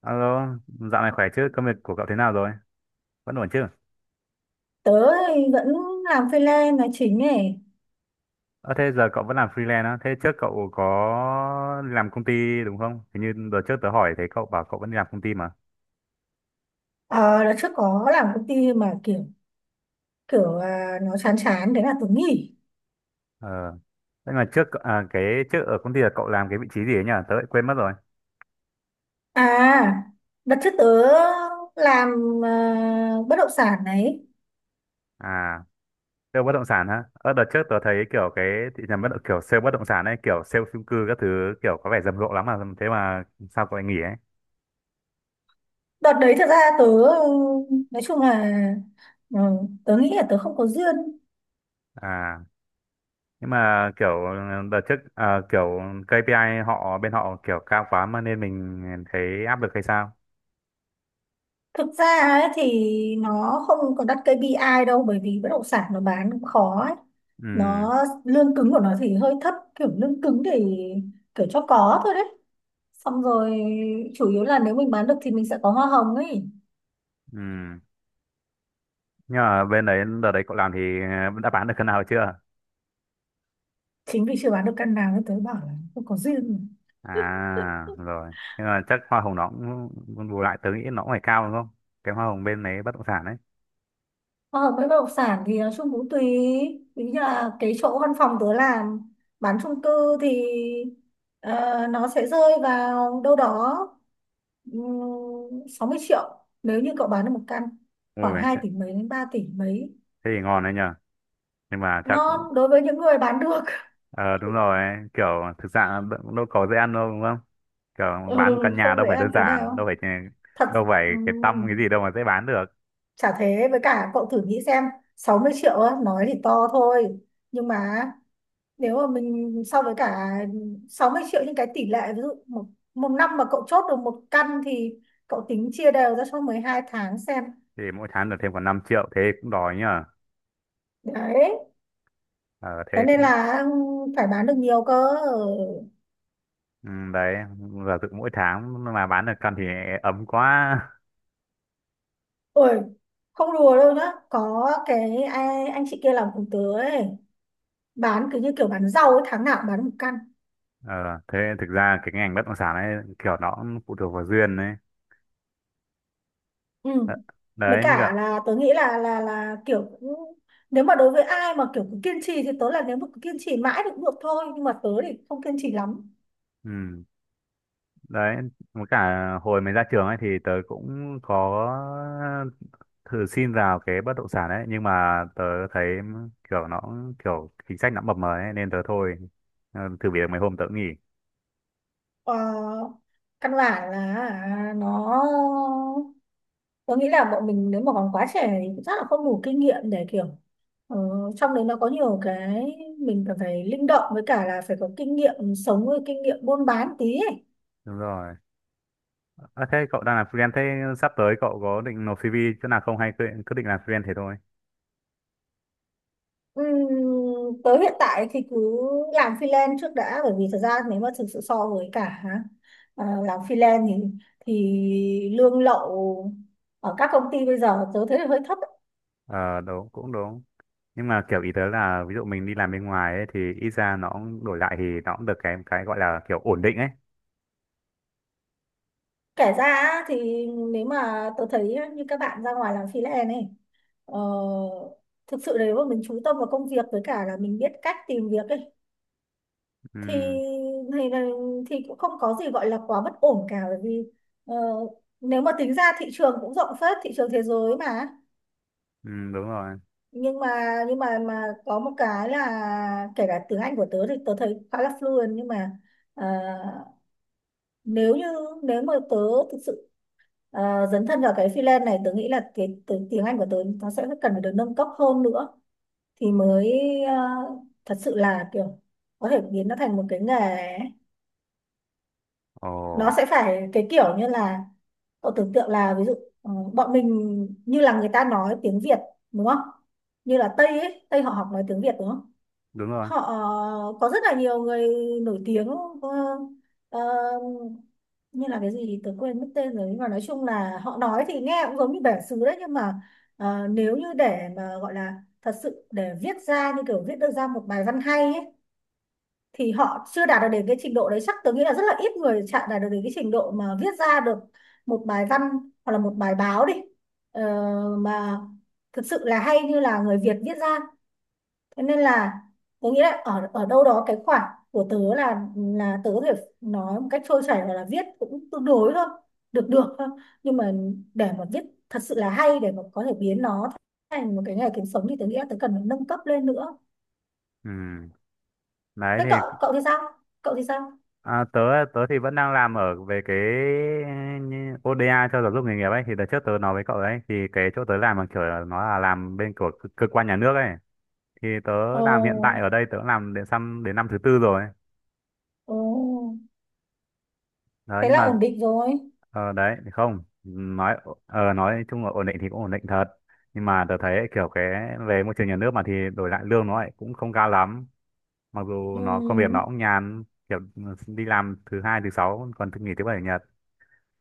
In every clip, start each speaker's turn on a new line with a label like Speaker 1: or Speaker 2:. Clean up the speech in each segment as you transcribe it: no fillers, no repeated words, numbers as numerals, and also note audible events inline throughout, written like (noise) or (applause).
Speaker 1: Alo, dạo này khỏe chứ? Công việc của cậu thế nào rồi? Vẫn ổn chứ?
Speaker 2: Tớ thì vẫn làm freelance là chính ấy.
Speaker 1: Ờ thế giờ cậu vẫn làm freelance á? Thế trước cậu có làm công ty đúng không? Hình như đợt trước tớ hỏi thấy cậu bảo cậu vẫn đi làm công ty mà.
Speaker 2: Ờ Đợt trước có làm công ty mà kiểu kiểu à, nó chán chán, thế là tớ nghỉ.
Speaker 1: Ờ. Nhưng mà trước à, cái trước ở công ty là cậu làm cái vị trí gì ấy nhỉ? Tớ lại quên mất rồi.
Speaker 2: à Đợt trước tớ làm, bất động sản đấy.
Speaker 1: À, sale bất động sản hả? Ờ đợt trước tớ thấy kiểu cái thị trường bất động kiểu sale bất động sản ấy, kiểu sale chung cư các thứ kiểu có vẻ rầm rộ lắm mà thế mà sao cậu lại nghỉ ấy?
Speaker 2: Đợt đấy thật ra tớ, ừ, nói chung là, ừ, tớ nghĩ là tớ không có duyên.
Speaker 1: À, nhưng mà kiểu đợt trước à, kiểu KPI họ bên họ kiểu cao quá mà nên mình thấy áp lực hay sao?
Speaker 2: Thực ra ấy, thì nó không có đặt kây pi ai đâu, bởi vì bất động sản nó bán cũng khó ấy.
Speaker 1: Ừ,
Speaker 2: nó Lương cứng của nó thì hơi thấp, kiểu lương cứng thì kiểu cho có thôi đấy. Xong rồi chủ yếu là nếu mình bán được thì mình sẽ có hoa hồng ấy.
Speaker 1: ừ nhưng mà bên đấy đợt đấy cậu làm thì đã bán được cân nào chưa?
Speaker 2: Chính vì chưa bán được căn nào nên tớ bảo là không có duyên.
Speaker 1: À rồi, nhưng mà chắc hoa hồng nó cũng bù lại, tớ nghĩ nó cũng phải cao đúng không, cái hoa hồng bên đấy bất động sản ấy?
Speaker 2: Hoa hồng với bất động sản thì nói chung cũng tùy, ví như là cái chỗ văn phòng tớ làm bán chung cư thì nó sẽ rơi vào đâu đó 60 triệu nếu như cậu bán được một căn khoảng
Speaker 1: Ui
Speaker 2: hai
Speaker 1: thế,
Speaker 2: tỷ mấy đến ba tỷ mấy
Speaker 1: thế thì ngon đấy nhờ. Nhưng mà chắc
Speaker 2: Ngon đối với những người bán được.
Speaker 1: ờ đúng rồi ấy. Kiểu thực ra đâu có dễ ăn đâu đúng không, kiểu
Speaker 2: (laughs) Ừ,
Speaker 1: bán một căn nhà
Speaker 2: không
Speaker 1: đâu
Speaker 2: dễ
Speaker 1: phải đơn
Speaker 2: ăn tí
Speaker 1: giản đâu
Speaker 2: nào
Speaker 1: phải
Speaker 2: thật.
Speaker 1: đâu phải
Speaker 2: Ừ.
Speaker 1: cái tăm cái gì đâu mà dễ bán được.
Speaker 2: Chả thế, với cả cậu thử nghĩ xem, 60 triệu á, nói thì to thôi, nhưng mà nếu mà mình so với cả 60 triệu những cái tỷ lệ ví dụ một năm mà cậu chốt được một căn thì cậu tính chia đều ra cho 12 tháng xem.
Speaker 1: Thì mỗi tháng được thêm khoảng 5 triệu thế cũng đòi nhờ.
Speaker 2: Đấy,
Speaker 1: Ờ thế
Speaker 2: thế nên
Speaker 1: cũng
Speaker 2: là, phải bán được nhiều cơ.
Speaker 1: ừ, đấy, giả dụ mỗi tháng mà bán được căn thì ấm quá.
Speaker 2: Ôi không đùa đâu nhá, có cái ai, anh chị kia làm cùng tớ ấy, bán cứ như kiểu bán rau ấy, tháng nào cũng bán một căn.
Speaker 1: Ờ thế thực ra cái ngành bất động sản ấy kiểu nó cũng phụ thuộc vào duyên đấy. Đ-
Speaker 2: Ừ. Với
Speaker 1: Đấy như
Speaker 2: cả
Speaker 1: cả
Speaker 2: là tớ nghĩ là kiểu cũng, nếu mà đối với ai mà kiểu cứ kiên trì thì tớ là nếu mà cứ kiên trì mãi thì cũng được thôi, nhưng mà tớ thì không kiên trì lắm.
Speaker 1: ừ, đấy với cả hồi mới ra trường ấy thì tớ cũng có thử xin vào cái bất động sản ấy nhưng mà tớ thấy kiểu nó kiểu chính sách nó mập mờ ấy nên tớ thôi. Ờ, thử việc mấy hôm tớ cũng nghỉ.
Speaker 2: ờ, Căn bản là nó tớ nghĩ là bọn mình nếu mà còn quá trẻ thì chắc là không đủ kinh nghiệm để kiểu, ờ, trong đấy nó có nhiều cái mình cần phải linh động, với cả là phải có kinh nghiệm sống với kinh nghiệm buôn bán tí ấy.
Speaker 1: Đúng rồi. À, thế cậu đang làm freelance thế sắp tới cậu có định nộp CV chỗ nào không hay cứ định làm freelance thế thôi?
Speaker 2: Tới hiện tại thì cứ làm freelance trước đã, bởi vì thật ra nếu mà thực sự so với cả, làm freelance thì lương lậu ở các công ty bây giờ tớ thấy là hơi thấp ấy.
Speaker 1: Ờ đúng, cũng đúng. Nhưng mà kiểu ý tớ là ví dụ mình đi làm bên ngoài ấy, thì ít ra nó cũng đổi lại thì nó cũng được cái gọi là kiểu ổn định ấy.
Speaker 2: Kể ra á, thì nếu mà tớ thấy như các bạn ra ngoài làm freelance này, ờ, thực sự nếu mà mình chú tâm vào công việc với cả là mình biết cách tìm việc ấy thì
Speaker 1: Ừ,
Speaker 2: thì, thì cũng không có gì gọi là quá bất ổn cả, bởi vì ờ, nếu mà tính ra thị trường cũng rộng phết, thị trường thế giới mà.
Speaker 1: ừ đúng rồi.
Speaker 2: Nhưng mà nhưng mà có một cái là kể cả tiếng Anh của tớ thì tớ thấy khá là fluent, nhưng mà ờ, nếu như, nếu mà tớ thực sự dấn thân vào cái freelance này, tớ nghĩ là cái tiếng Anh của tớ nó sẽ cần phải được nâng cấp hơn nữa, thì mới thật sự là kiểu có thể biến nó thành một cái nghề ấy.
Speaker 1: Ồ
Speaker 2: Nó sẽ phải cái kiểu như là, cậu tưởng tượng là ví dụ bọn mình như là người ta nói tiếng Việt đúng không, như là Tây ấy, Tây họ học nói tiếng Việt đúng không.
Speaker 1: đúng rồi.
Speaker 2: Họ có rất là nhiều người nổi tiếng, ờ, ờ, như là cái gì thì tớ quên mất tên rồi, nhưng mà nói chung là họ nói thì nghe cũng giống như bản xứ đấy, nhưng mà nếu như để mà gọi là thật sự để viết ra như kiểu viết được ra một bài văn hay ấy, thì họ chưa đạt được đến cái trình độ đấy. Chắc tớ nghĩ là rất là ít người chạm đạt được đến cái trình độ mà viết ra được một bài văn hoặc là một bài báo đi, ờ, mà thực sự là hay như là người Việt viết ra. Thế nên là tớ nghĩ là ở ở đâu đó cái khoảng của tớ là tớ có thể nói một cách trôi chảy hoặc là viết cũng tương đối thôi, được được thôi, nhưng mà để mà viết thật sự là hay, để mà có thể biến nó thành một cái nghề kiếm sống thì tớ nghĩ là tớ cần phải nâng cấp lên nữa.
Speaker 1: Ừ. Đấy
Speaker 2: Thế cậu
Speaker 1: thì
Speaker 2: cậu thì sao, cậu thì sao
Speaker 1: à, tớ tớ thì vẫn đang làm ở về cái như ODA cho giáo dục nghề nghiệp ấy, thì đợt trước tớ nói với cậu đấy thì cái chỗ tớ làm là kiểu là nó là làm bên của cơ cơ quan nhà nước ấy, thì tớ làm hiện tại
Speaker 2: ồ
Speaker 1: ở đây tớ làm đến năm thứ tư rồi
Speaker 2: ồ.
Speaker 1: đấy.
Speaker 2: Thế
Speaker 1: Nhưng
Speaker 2: là
Speaker 1: mà
Speaker 2: ổn định rồi.
Speaker 1: ờ, đấy thì không nói nói chung là ổn định thì cũng ổn định thật, nhưng mà tớ thấy kiểu cái về môi trường nhà nước mà thì đổi lại lương nó lại cũng không cao lắm, mặc dù nó công việc nó
Speaker 2: Ừ
Speaker 1: cũng nhàn, kiểu đi làm thứ hai thứ sáu còn thứ nghỉ thứ bảy chủ nhật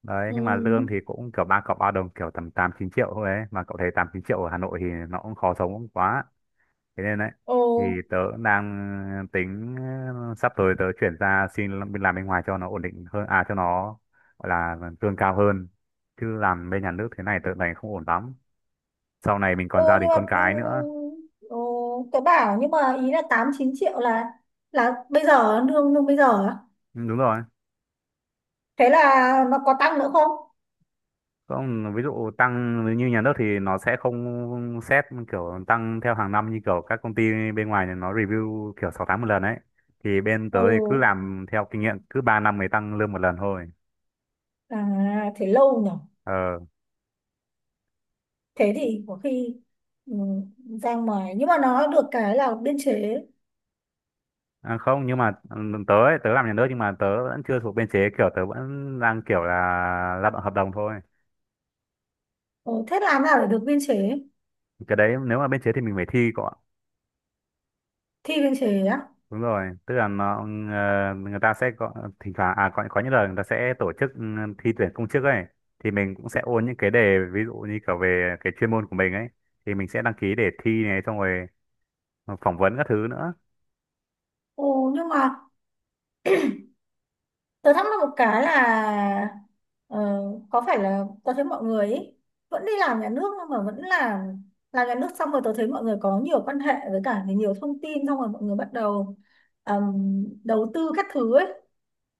Speaker 1: đấy,
Speaker 2: ừ,
Speaker 1: nhưng mà lương thì cũng kiểu ba cọc ba đồng kiểu tầm tám chín triệu thôi ấy, mà cậu thấy tám chín triệu ở Hà Nội thì nó cũng khó sống quá. Thế nên đấy,
Speaker 2: ồ
Speaker 1: thì tớ cũng đang tính sắp tới tớ chuyển ra xin làm bên ngoài cho nó ổn định hơn, à cho nó gọi là lương cao hơn, chứ làm bên nhà nước thế này tớ thấy không ổn lắm, sau này mình còn
Speaker 2: ồ,
Speaker 1: gia đình
Speaker 2: nhưng mà
Speaker 1: con cái nữa.
Speaker 2: ồ tớ bảo nhưng mà ý là 8-9 triệu là bây giờ, lương lương bây giờ ấy.
Speaker 1: Ừ, đúng rồi.
Speaker 2: Thế là nó có tăng nữa không?
Speaker 1: Không, ví dụ tăng như nhà nước thì nó sẽ không xét kiểu tăng theo hàng năm như kiểu các công ty bên ngoài này nó review kiểu 6 tháng một lần ấy, thì bên tớ
Speaker 2: Ừ,
Speaker 1: thì cứ làm theo kinh nghiệm cứ 3 năm mới tăng lương một lần thôi.
Speaker 2: à thế lâu nhỉ.
Speaker 1: Ờ.
Speaker 2: Thế thì có khi, ừ, ra ngoài nhưng mà nó được cái là biên chế.
Speaker 1: À, không nhưng mà ừ, tớ ấy, tớ làm nhà nước nhưng mà tớ vẫn chưa thuộc biên chế, kiểu tớ vẫn đang kiểu là lao động hợp đồng thôi.
Speaker 2: Ừ, thế làm nào để được biên chế?
Speaker 1: Cái đấy nếu mà biên chế thì mình phải thi cọ.
Speaker 2: Thi biên chế á.
Speaker 1: Đúng rồi, tức là nó ừ, người ta sẽ có thỉnh thoảng à có những lần người ta sẽ tổ chức ừ, thi tuyển công chức ấy, thì mình cũng sẽ ôn những cái đề ví dụ như kiểu về cái chuyên môn của mình ấy, thì mình sẽ đăng ký để thi này xong rồi phỏng vấn các thứ nữa.
Speaker 2: Ừ. Nhưng mà tớ thắc mắc một cái là, ờ, có phải là tớ thấy mọi người ý, vẫn đi làm nhà nước nhưng mà vẫn làm nhà nước xong rồi tớ thấy mọi người có nhiều quan hệ với cả nhiều thông tin, xong rồi mọi người bắt đầu đầu tư các thứ ấy.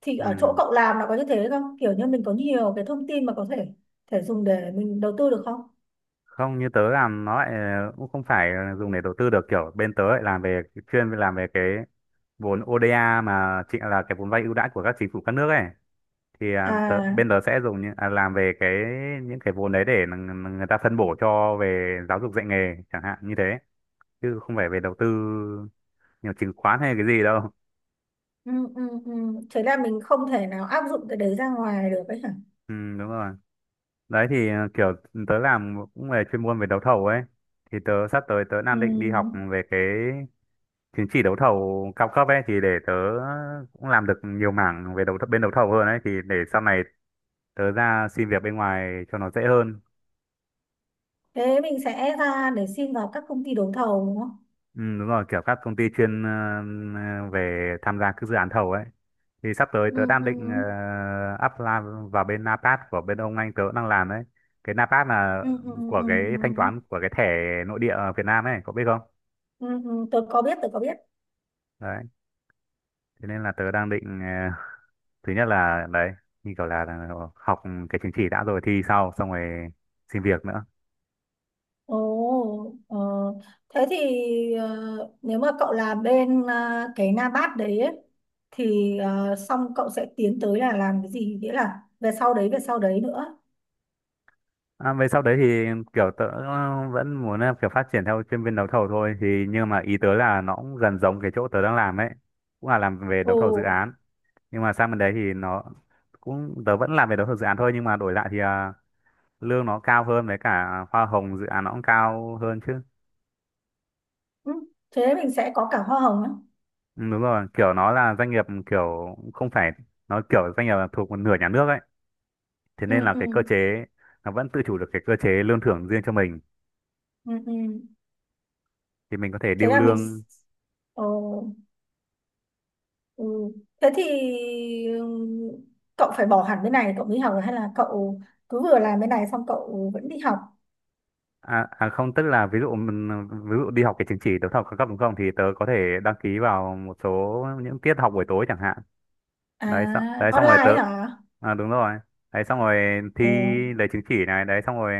Speaker 2: Thì ở chỗ
Speaker 1: Ừ.
Speaker 2: cậu làm là có như thế không, kiểu như mình có nhiều cái thông tin mà có thể thể dùng để mình đầu tư được không?
Speaker 1: Không, như tớ làm nó lại cũng không phải dùng để đầu tư được, kiểu bên tớ lại làm về chuyên làm về cái vốn ODA mà chị là cái vốn vay ưu đãi của các chính phủ các nước ấy, thì à, tớ,
Speaker 2: À,
Speaker 1: bên tớ sẽ dùng những, à, làm về cái những cái vốn đấy để người ta phân bổ cho về giáo dục dạy nghề chẳng hạn như thế, chứ không phải về đầu tư nhiều chứng khoán hay cái gì đâu.
Speaker 2: ừ, ừ, ừ. Thế là mình không thể nào áp dụng cái đấy ra ngoài được ấy hả?
Speaker 1: Ừ, đúng rồi. Đấy thì à, kiểu tớ làm cũng về chuyên môn về đấu thầu ấy, thì sắp tới tớ đang định đi học
Speaker 2: Ừ.
Speaker 1: về cái chứng chỉ đấu thầu cao cấp ấy, thì để tớ cũng làm được nhiều mảng về bên đấu thầu hơn ấy, thì để sau này tớ ra xin việc bên ngoài cho nó dễ hơn.
Speaker 2: Thế mình sẽ ra để xin vào các công ty đấu thầu đúng không?
Speaker 1: Ừ, đúng rồi, kiểu các công ty chuyên về tham gia các dự án thầu ấy, thì sắp tới
Speaker 2: Ừ,
Speaker 1: tớ đang
Speaker 2: ừ,
Speaker 1: định apply vào bên NAPAT của bên ông anh tớ đang làm đấy. Cái NAPAT là
Speaker 2: ừ, ừ, ừ,
Speaker 1: của
Speaker 2: ừ.
Speaker 1: cái
Speaker 2: Ừ,
Speaker 1: thanh toán của cái thẻ nội địa ở Việt Nam ấy, có biết không?
Speaker 2: ừ. Ừ, tôi có biết, tôi có biết.
Speaker 1: Đấy, thế nên là tớ đang định thứ nhất là đấy như kiểu là học cái chứng chỉ đã rồi thi sau xong rồi xin việc nữa.
Speaker 2: Ồ, thế thì ờ, nếu mà cậu làm bên cái Nabat đấy ấy, thì xong cậu sẽ tiến tới là làm cái gì, nghĩa là về sau đấy, về sau đấy nữa.
Speaker 1: À, về sau đấy thì kiểu tớ vẫn muốn là kiểu phát triển theo chuyên viên đấu thầu thôi, thì nhưng mà ý tớ là nó cũng gần giống cái chỗ tớ đang làm ấy, cũng là làm về đấu
Speaker 2: Ồ.
Speaker 1: thầu dự án, nhưng mà sang bên đấy thì nó cũng tớ vẫn làm về đấu thầu dự án thôi, nhưng mà đổi lại thì à, lương nó cao hơn với cả hoa hồng dự án nó cũng cao hơn chứ.
Speaker 2: Ừ, thế mình sẽ có cả hoa hồng á.
Speaker 1: Ừ, đúng rồi, kiểu nó là doanh nghiệp kiểu không phải, nó kiểu doanh nghiệp là thuộc một nửa nhà nước ấy, thế
Speaker 2: Ừ,
Speaker 1: nên là
Speaker 2: ừ,
Speaker 1: cái cơ chế nó vẫn tự chủ được cái cơ chế lương thưởng riêng cho mình,
Speaker 2: ừ, ừ.
Speaker 1: thì mình có thể
Speaker 2: Thế
Speaker 1: điêu
Speaker 2: là mình s-
Speaker 1: lương.
Speaker 2: Ồ, ừ. Thế thì ừm, cậu phải bỏ hẳn bên này cậu mới học, hay là cậu cứ vừa làm bên này xong cậu vẫn đi học?
Speaker 1: À, à không, tức là ví dụ mình- ví dụ đi học cái chứng chỉ đấu thầu cao cấp đúng không, thì tớ có thể đăng ký vào một số những tiết học buổi tối chẳng hạn.
Speaker 2: À
Speaker 1: Đấy xong đấy xong rồi tớ
Speaker 2: online hả?
Speaker 1: à, đúng rồi, đấy xong rồi thi
Speaker 2: Ồ,
Speaker 1: lấy chứng chỉ này đấy xong rồi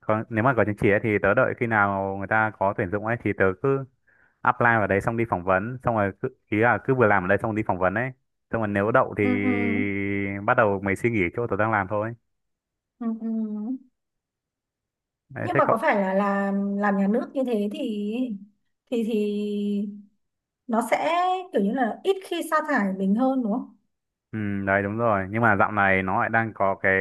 Speaker 1: có, nếu mà có chứng chỉ ấy, thì tớ đợi khi nào người ta có tuyển dụng ấy thì tớ cứ apply vào đấy xong đi phỏng vấn xong rồi cứ, ý là cứ vừa làm ở đây xong đi phỏng vấn ấy xong rồi nếu đậu thì
Speaker 2: ừ, ừ.
Speaker 1: bắt đầu mày suy nghĩ chỗ tớ đang làm thôi.
Speaker 2: Ừ, ừ.
Speaker 1: Đấy,
Speaker 2: Nhưng
Speaker 1: thế
Speaker 2: mà có
Speaker 1: cậu
Speaker 2: phải là làm nhà nước như thế thì thì thì nó sẽ kiểu như là ít khi sa thải mình hơn đúng không?
Speaker 1: ừ, đấy đúng rồi, nhưng mà dạo này nó lại đang có cái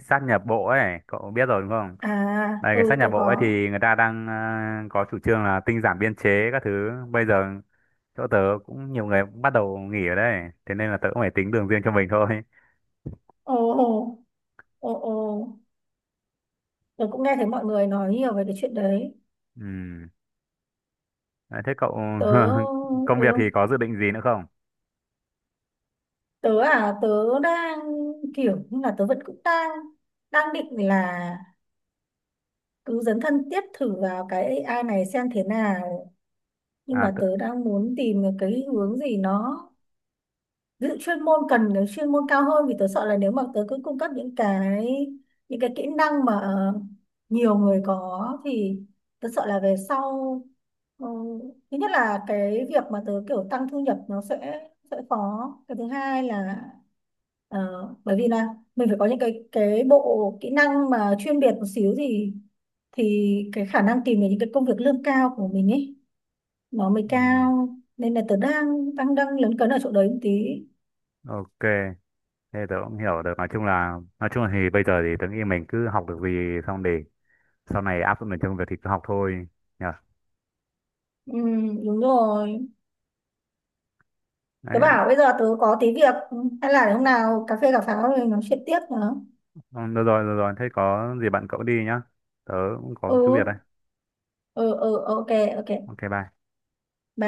Speaker 1: sát nhập bộ ấy cậu biết rồi đúng không.
Speaker 2: À
Speaker 1: Đây cái sát
Speaker 2: ừ
Speaker 1: nhập
Speaker 2: tôi
Speaker 1: bộ ấy
Speaker 2: có.
Speaker 1: thì người ta đang có chủ trương là tinh giản biên chế các thứ bây giờ, chỗ tớ cũng nhiều người cũng bắt đầu nghỉ ở đây, thế nên là tớ cũng phải tính đường riêng cho mình thôi. (laughs)
Speaker 2: Ồ ồ, ồ ồ, tôi cũng nghe thấy mọi người nói nhiều về cái chuyện đấy.
Speaker 1: Ừ. Đấy, thế cậu (laughs)
Speaker 2: Tớ.
Speaker 1: công việc thì
Speaker 2: Ừ,
Speaker 1: có dự định gì nữa không?
Speaker 2: tớ. À tớ Đang kiểu như là tớ vẫn cũng đang, đang định là cứ dấn thân tiếp thử vào cái AI này xem thế nào, nhưng
Speaker 1: À
Speaker 2: mà
Speaker 1: tớ...
Speaker 2: tớ đang muốn tìm được cái hướng gì nó, ví dụ chuyên môn, cần cái chuyên môn cao hơn, vì tớ sợ là nếu mà tớ cứ cung cấp những cái kỹ năng mà nhiều người có thì tớ sợ là về sau, ừ, thứ nhất là cái việc mà tớ kiểu tăng thu nhập nó sẽ khó, cái thứ hai là ờ, bởi vì là mình phải có những cái bộ kỹ năng mà chuyên biệt một xíu, thì cái khả năng tìm được những cái công việc lương cao của mình ấy nó mới
Speaker 1: ừ.
Speaker 2: cao. Nên là tớ đang đang đang lấn cấn ở chỗ đấy một tí.
Speaker 1: Ok, thế tớ cũng hiểu được, nói chung là thì bây giờ thì tớ nghĩ mình cứ học được gì xong để sau này áp dụng được trong việc thì cứ học thôi nhỉ.
Speaker 2: Ừ, đúng rồi. Tớ
Speaker 1: Đấy.
Speaker 2: bảo bây giờ tớ có tí việc, hay là hôm nào cà phê cà pháo rồi nói chuyện tiếp nữa.
Speaker 1: Ừ, được rồi, được rồi. Thế có gì bạn cậu đi nhá. Tớ cũng
Speaker 2: Ừ,
Speaker 1: có chút việc đây.
Speaker 2: ừ, ừ, ok, ok.
Speaker 1: Ok, bye.
Speaker 2: Bye.